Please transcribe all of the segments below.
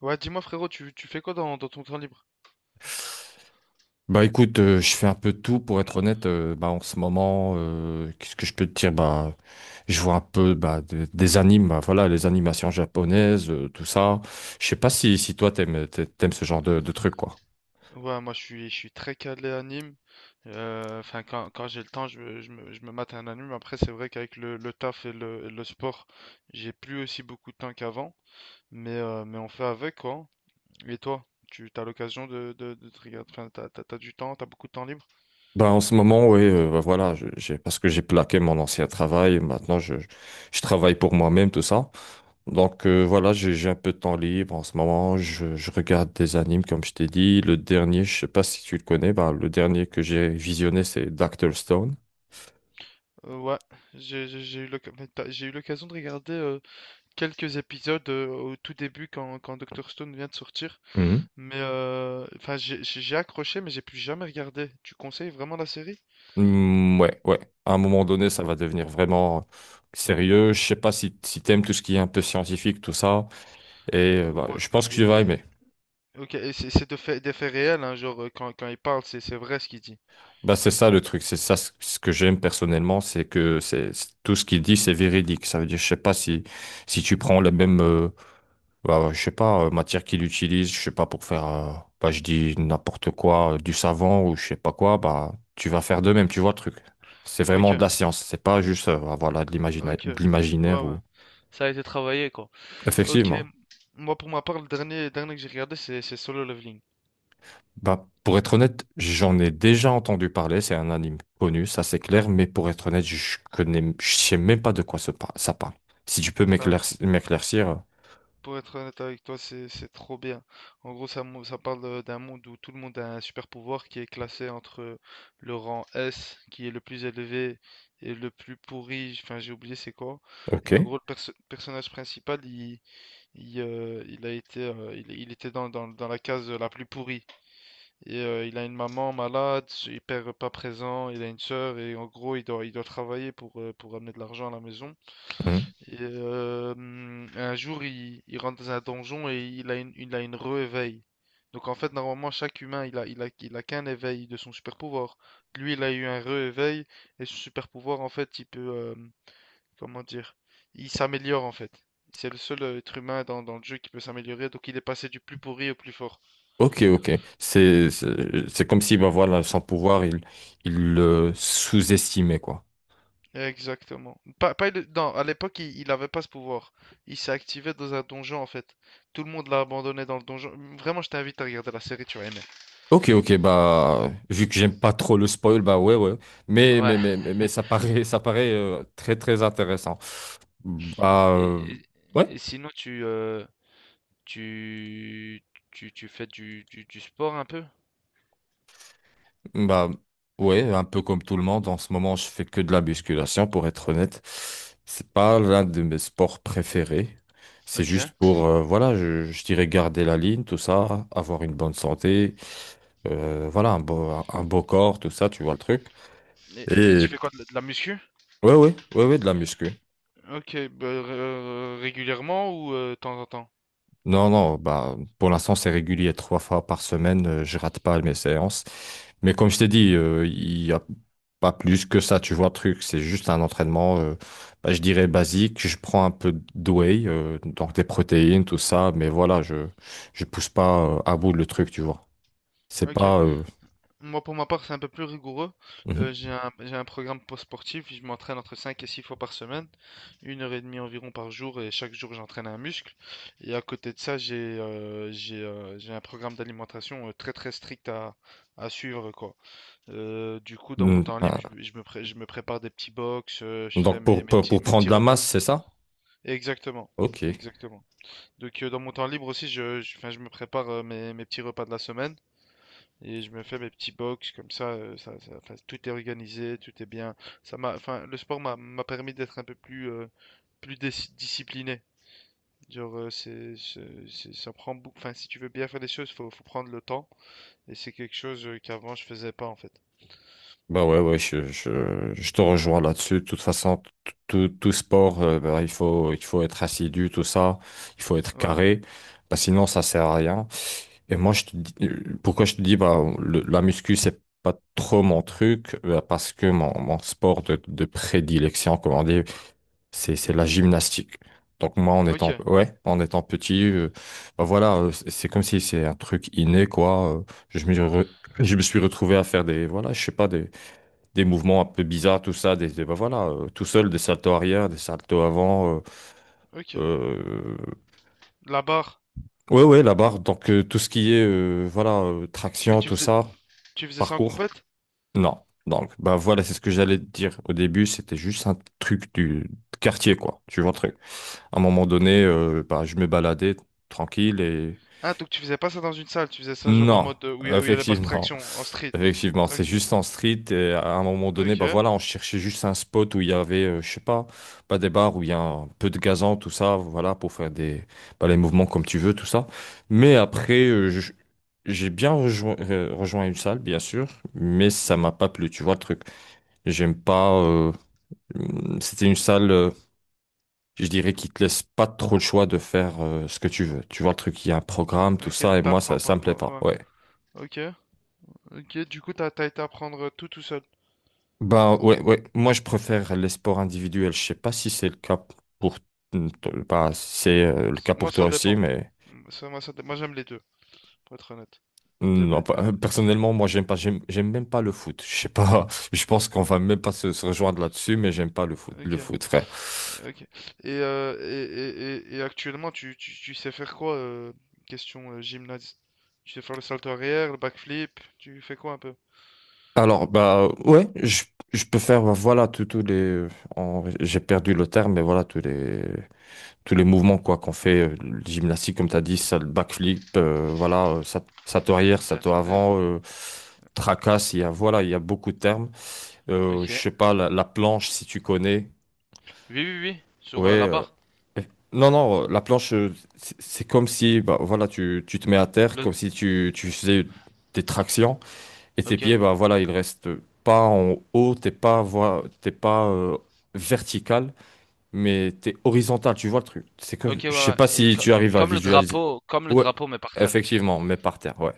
Ouais, dis-moi frérot, tu fais quoi dans ton temps libre? Bah écoute, je fais un peu de tout pour être honnête. Bah en ce moment, qu'est-ce que je peux te dire? Bah je vois un peu, bah, des animes, bah, voilà, les animations japonaises, tout ça. Je sais pas si toi t'aimes ce genre de trucs, quoi. Ouais, moi je suis très calé anime. Enfin, quand j'ai le temps, je me mate un anime. Après, c'est vrai qu'avec le taf et le sport, j'ai plus aussi beaucoup de temps qu'avant. Mais on fait avec quoi. Et toi, tu as l'occasion de te regarder. Enfin, t'as du temps, t'as beaucoup de temps libre. Bah en ce moment, ouais, bah, voilà, j'ai, parce que j'ai plaqué mon ancien travail. Maintenant, je travaille pour moi-même, tout ça. Donc, voilà, j'ai un peu de temps libre en ce moment. Je regarde des animes comme je t'ai dit. Le dernier, je sais pas si tu le connais, bah le dernier que j'ai visionné, c'est Dr. Stone. Ouais, j'ai eu l'occasion de regarder quelques épisodes au tout début quand Dr. Stone vient de sortir. Mhm. Mais enfin, j'ai accroché, mais j'ai plus jamais regardé. Tu conseilles vraiment la série? Mm, ouais, ouais. À un moment donné, ça va devenir vraiment sérieux. Je sais pas si t'aimes tout ce qui est un peu scientifique, tout ça. Et bah, Ouais. je pense que tu et- vas et- aimer. ok, et c'est de fait, des faits réels, hein, genre quand il parle, c'est vrai ce qu'il dit. Bah, c'est ça le truc. C'est ça ce que j'aime personnellement, c'est que tout ce qu'il dit, c'est véridique. Ça veut dire, je sais pas si tu prends la même, bah, je sais pas, matière qu'il utilise, je sais pas pour faire, bah, je dis n'importe quoi, du savon ou je sais pas quoi, bah, tu vas faire de même. Tu vois le truc. C'est vraiment de Ok, la science. C'est pas juste, voilà, ok. de Ouais, l'imaginaire ouais. ou. Ça a été travaillé, quoi. Ok. Effectivement. Moi, pour ma part, le dernier que j'ai regardé, c'est Solo Leveling. Bah, pour être honnête, j'en ai déjà entendu parler. C'est un anime connu, ça, c'est clair. Mais pour être honnête, je connais, je sais même pas de quoi ça parle. Si tu peux m'éclaircir. Pour être honnête avec toi, c'est trop bien. En gros, ça parle d'un monde où tout le monde a un super pouvoir qui est classé entre le rang S, qui est le plus élevé, et le plus pourri. Enfin, j'ai oublié c'est quoi. Ok. Et en gros, le personnage principal, il a été, il était dans la case la plus pourrie. Et il a une maman malade, pas présent, il a une sœur, et en gros, il doit travailler pour amener de l'argent à la maison. Mhm. Et, un jour, il rentre dans un donjon et il a une re-éveil. Donc en fait, normalement, chaque humain, il a qu'un éveil de son super pouvoir. Lui, il a eu un re-éveil et son super pouvoir, en fait, il peut, comment dire, il s'améliore en fait. C'est le seul être humain dans le jeu qui peut s'améliorer, donc il est passé du plus pourri au plus fort. Ok, ok. C'est comme si, bah voilà, sans pouvoir, il le sous-estimait, quoi. Exactement. Pas, pas le- Non, à l'époque, il avait pas ce pouvoir. Il s'est activé dans un donjon en fait. Tout le monde l'a abandonné dans le donjon. Vraiment, je t'invite à regarder la série, tu vas aimer. Ok, ok, bah, vu que j'aime pas trop le spoil, bah ouais, ouais. Mais, Ouais. mais, mais, mais, mais ça paraît très, très intéressant. Bah, Et, et- ouais. et sinon, tu, tu fais du sport un peu? Bah ouais, un peu comme tout le monde, en ce moment je fais que de la musculation pour être honnête. C'est pas l'un de mes sports préférés. C'est Ok. juste pour, voilà, je dirais garder la ligne, tout ça, avoir une bonne santé, voilà, un beau corps, tout ça, tu vois le truc. Et Et tu fais quoi, de la muscu? ouais, ouais, ouais, ouais, de la muscu. Ok, bah, régulièrement ou de temps en temps? Non, non, bah, pour l'instant, c'est régulier. 3 fois par semaine, je rate pas mes séances. Mais comme je t'ai dit, il y a pas plus que ça, tu vois, le truc. C'est juste un entraînement, bah, je dirais basique. Je prends un peu de whey, donc des protéines, tout ça. Mais voilà, je pousse pas, à bout le truc, tu vois. C'est Ok. pas, Moi, pour ma part, c'est un peu plus rigoureux. mhm. J'ai un programme post-sportif. Je m'entraîne entre 5 et 6 fois par semaine, une heure et demie environ par jour, et chaque jour, j'entraîne un muscle. Et à côté de ça, j'ai un programme d'alimentation très très strict à suivre, quoi. Du coup, dans mon Mm, temps libre, ah. je me prépare des petits box, je fais Donc, mes, pour, mes pour, petits, pour mes prendre de petits la repas. masse, c'est ça? Exactement, Ok. exactement. Donc, dans mon temps libre aussi, enfin je me prépare mes petits repas de la semaine et je me fais mes petits box comme ça. 'Fin, tout est organisé, tout est bien. Enfin, le sport m'a permis d'être un peu plus, plus discipliné. Genre, ça prend beaucoup. Enfin, si tu veux bien faire des choses, faut prendre le temps. Et c'est quelque chose qu'avant je faisais pas en fait. Bah ouais, ouais, je te rejoins là-dessus. De toute façon, tout sport, bah, il faut être assidu, tout ça. Il faut être Ouais. carré. Bah, sinon, ça sert à rien. Et moi, je te dis, pourquoi je te dis, bah, la muscu, c'est pas trop mon truc, bah, parce que mon sport de prédilection, comme on dit, c'est la gymnastique. Donc moi, en Ok, étant, ouais, en étant petit, bah voilà, c'est comme si c'est un truc inné, quoi. Je me, re- je me suis retrouvé à faire des, voilà, je sais pas, des mouvements un peu bizarres, tout ça, bah voilà, tout seul, des saltos arrière, des saltos avant. euh, ok. euh, La barre. ouais, ouais, la barre. Donc, tout ce qui est, voilà, Mais traction, tu tout faisais, ça, tu faisais ça en parcours, compète? non. Donc, bah voilà, c'est ce que j'allais te dire. Au début, c'était juste un truc du quartier, quoi. Tu vois, un truc. À un moment donné, bah, je me baladais tranquille et... Ah, donc tu faisais pas ça dans une salle, tu faisais ça genre en Non, mode où il y a les barres effectivement. traction, en street. Effectivement, c'est Ok, juste en street et à un moment donné, bah ok, voilà, on cherchait juste un spot où il y avait, je sais pas, pas des bars où il y a un peu de gazon, tout ça, voilà, pour faire des, bah, les mouvements comme tu veux, tout ça. Mais après, j'ai bien rejoint une salle, bien sûr, mais ça m'a mhm, pas plu, tu vois le truc. J'aime pas, c'était une salle, je dirais, qui te laisse pas trop le choix de faire, ce que tu veux. Tu vois le truc, il y a un programme, tout ok, ça, et moi, ça, t'apprends ça pas, me plaît ouais, pas, ouais. ouais. Ok, ok, du coup t'as été apprendre tout tout seul. Ben ouais, ouais. Moi, je préfère les sports individuels. Je sais pas si c'est le cas pour... bah, c'est, le cas Moi pour toi ça aussi, dépend. mais Mm, Ça, moi ça dé- moi j'aime les deux, pour être honnête. J'aime les non, deux. Personnellement, moi, j'aime pas, j'aime même pas le foot. Je sais pas. Je pense qu'on va même pas se rejoindre là-dessus, mais j'aime pas le foot, Ok, le foot, frère. ok. Et actuellement tu sais faire quoi, question gymnase? Tu sais faire le salto arrière, le backflip, tu fais quoi un peu? Alors, bah ouais, je peux faire, bah, voilà, tous les. J'ai perdu le terme, mais voilà, tous les. Tous les mouvements quoi qu'on fait, le gymnastique comme tu as dit, ça, le backflip, voilà, ça, ça te arrière, ça Ça, te ça a avant, tracasse, il y a, voilà, il y a beaucoup de termes. Je Ok. sais pas, la planche, si tu connais, Oui, oui, oui, sur ouais. Là-bas. eh, non, non, la planche, c'est comme si, bah, voilà, tu te mets à terre, Le... comme si tu faisais des tractions, et tes pieds, Ok, bah, voilà, ils restent pas en haut, t'es pas, t'es pas, vertical, mais t'es horizontal, tu vois le truc. C'est que ok, ouais, je sais ouais. pas si tu arrives à Comme le visualiser. drapeau, comme le Ouais, drapeau, mais par terre. effectivement, mais par terre, ouais.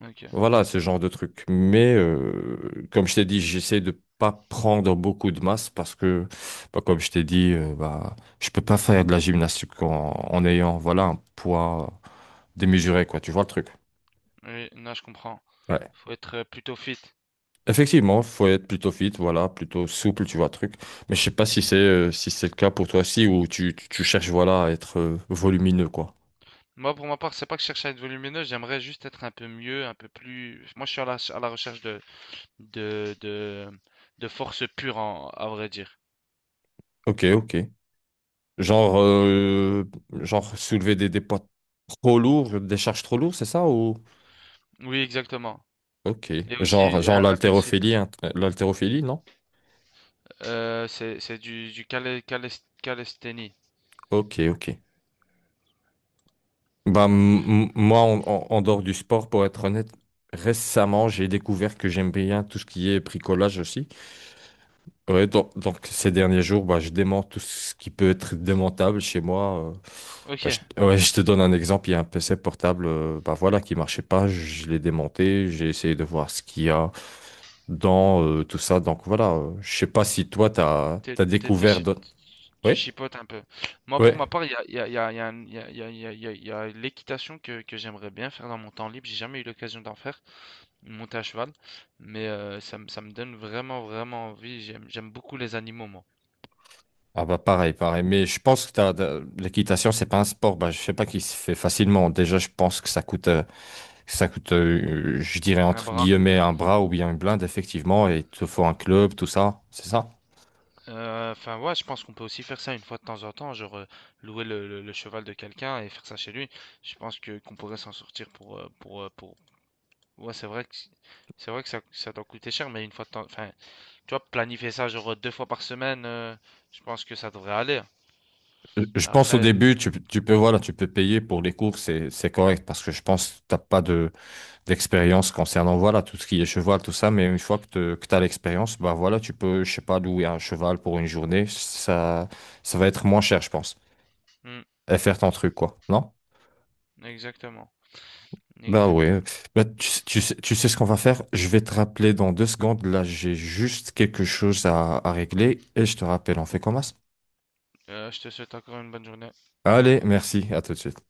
Ok, Voilà ce genre de truc. Mais comme je t'ai dit, j'essaie de pas prendre beaucoup de masse parce que, bah, comme je t'ai dit, bah, je peux pas faire de la gymnastique en ayant, voilà, un poids démesuré, quoi. Tu vois le truc. oui, non, je comprends. Ouais. Faut être plutôt fit. Effectivement, faut être plutôt fit, voilà, plutôt souple, tu vois le truc. Mais je sais pas si c'est, si c'est le cas pour toi aussi, ou tu cherches, voilà, à être, volumineux, quoi. Moi, pour ma part, c'est pas que je cherche à être volumineux, j'aimerais juste être un peu mieux, un peu plus. Moi, je suis à la recherche de, de, de force pure, à vrai dire. Ok, ok. Genre, genre soulever des poids trop lourds, des charges trop lourdes, c'est ça ou... Oui, exactement. Ok. Et Genre, aussi, genre un peu de. l'haltérophilie, hein, l'haltérophilie, non? C'est du calisthénie. Ok, ok. Bah, moi, en dehors du sport, pour être honnête, récemment, j'ai découvert que j'aime bien tout ce qui est bricolage aussi. Ouais, donc ces derniers jours, bah, je démonte tout ce qui peut être démontable chez moi. Ok, Bah, ouais, je te donne un exemple, il y a un PC portable, bah, voilà, qui marchait pas, je l'ai démonté, j'ai essayé de voir ce qu'il y a dans, tout ça. Donc voilà, je sais pas si toi, tu as t'es- t'es- t'es découvert... chi- tu Oui, chipotes un peu. Moi, oui. pour ma part, il y a l'équitation que j'aimerais bien faire dans mon temps libre. J'ai jamais eu l'occasion d'en faire, monter à cheval. Mais ça me donne vraiment, vraiment envie. J'aime beaucoup les animaux, moi. Ah bah pareil, pareil. Mais je pense que l'équitation, c'est pas un sport, bah, je sais pas, qui se fait facilement. Déjà, je pense que ça coûte... Ça coûte, je dirais, Un entre bras. guillemets, un bras ou bien une blinde, effectivement, et il te faut un club, tout ça, c'est ça? Enfin, ouais, je pense qu'on peut aussi faire ça une fois de temps en temps, genre louer le cheval de quelqu'un et faire ça chez lui. Je pense que qu'on pourrait s'en sortir pour. Ouais, c'est vrai que ça doit coûter cher, mais une fois de temps, enfin, tu vois, planifier ça genre 2 fois par semaine, je pense que ça devrait aller. Je pense, au Après, début, tu peux, voilà, tu peux payer pour les cours, c'est correct, parce que je pense que t'as pas d'expérience concernant, voilà, tout ce qui est cheval, tout ça, mais une fois que tu as l'expérience, bah voilà, tu peux, je sais pas, louer un cheval pour une journée, ça va être moins cher, je pense. hmm, Et faire ton truc, quoi, non? exactement, Bah ouais, exactement. bah, tu sais ce qu'on va faire? Je vais te rappeler dans 2 secondes. Là, j'ai juste quelque chose à régler et je te rappelle, on fait comme ça? Je te souhaite encore une bonne journée. Au Allez, revoir. merci, à tout de suite.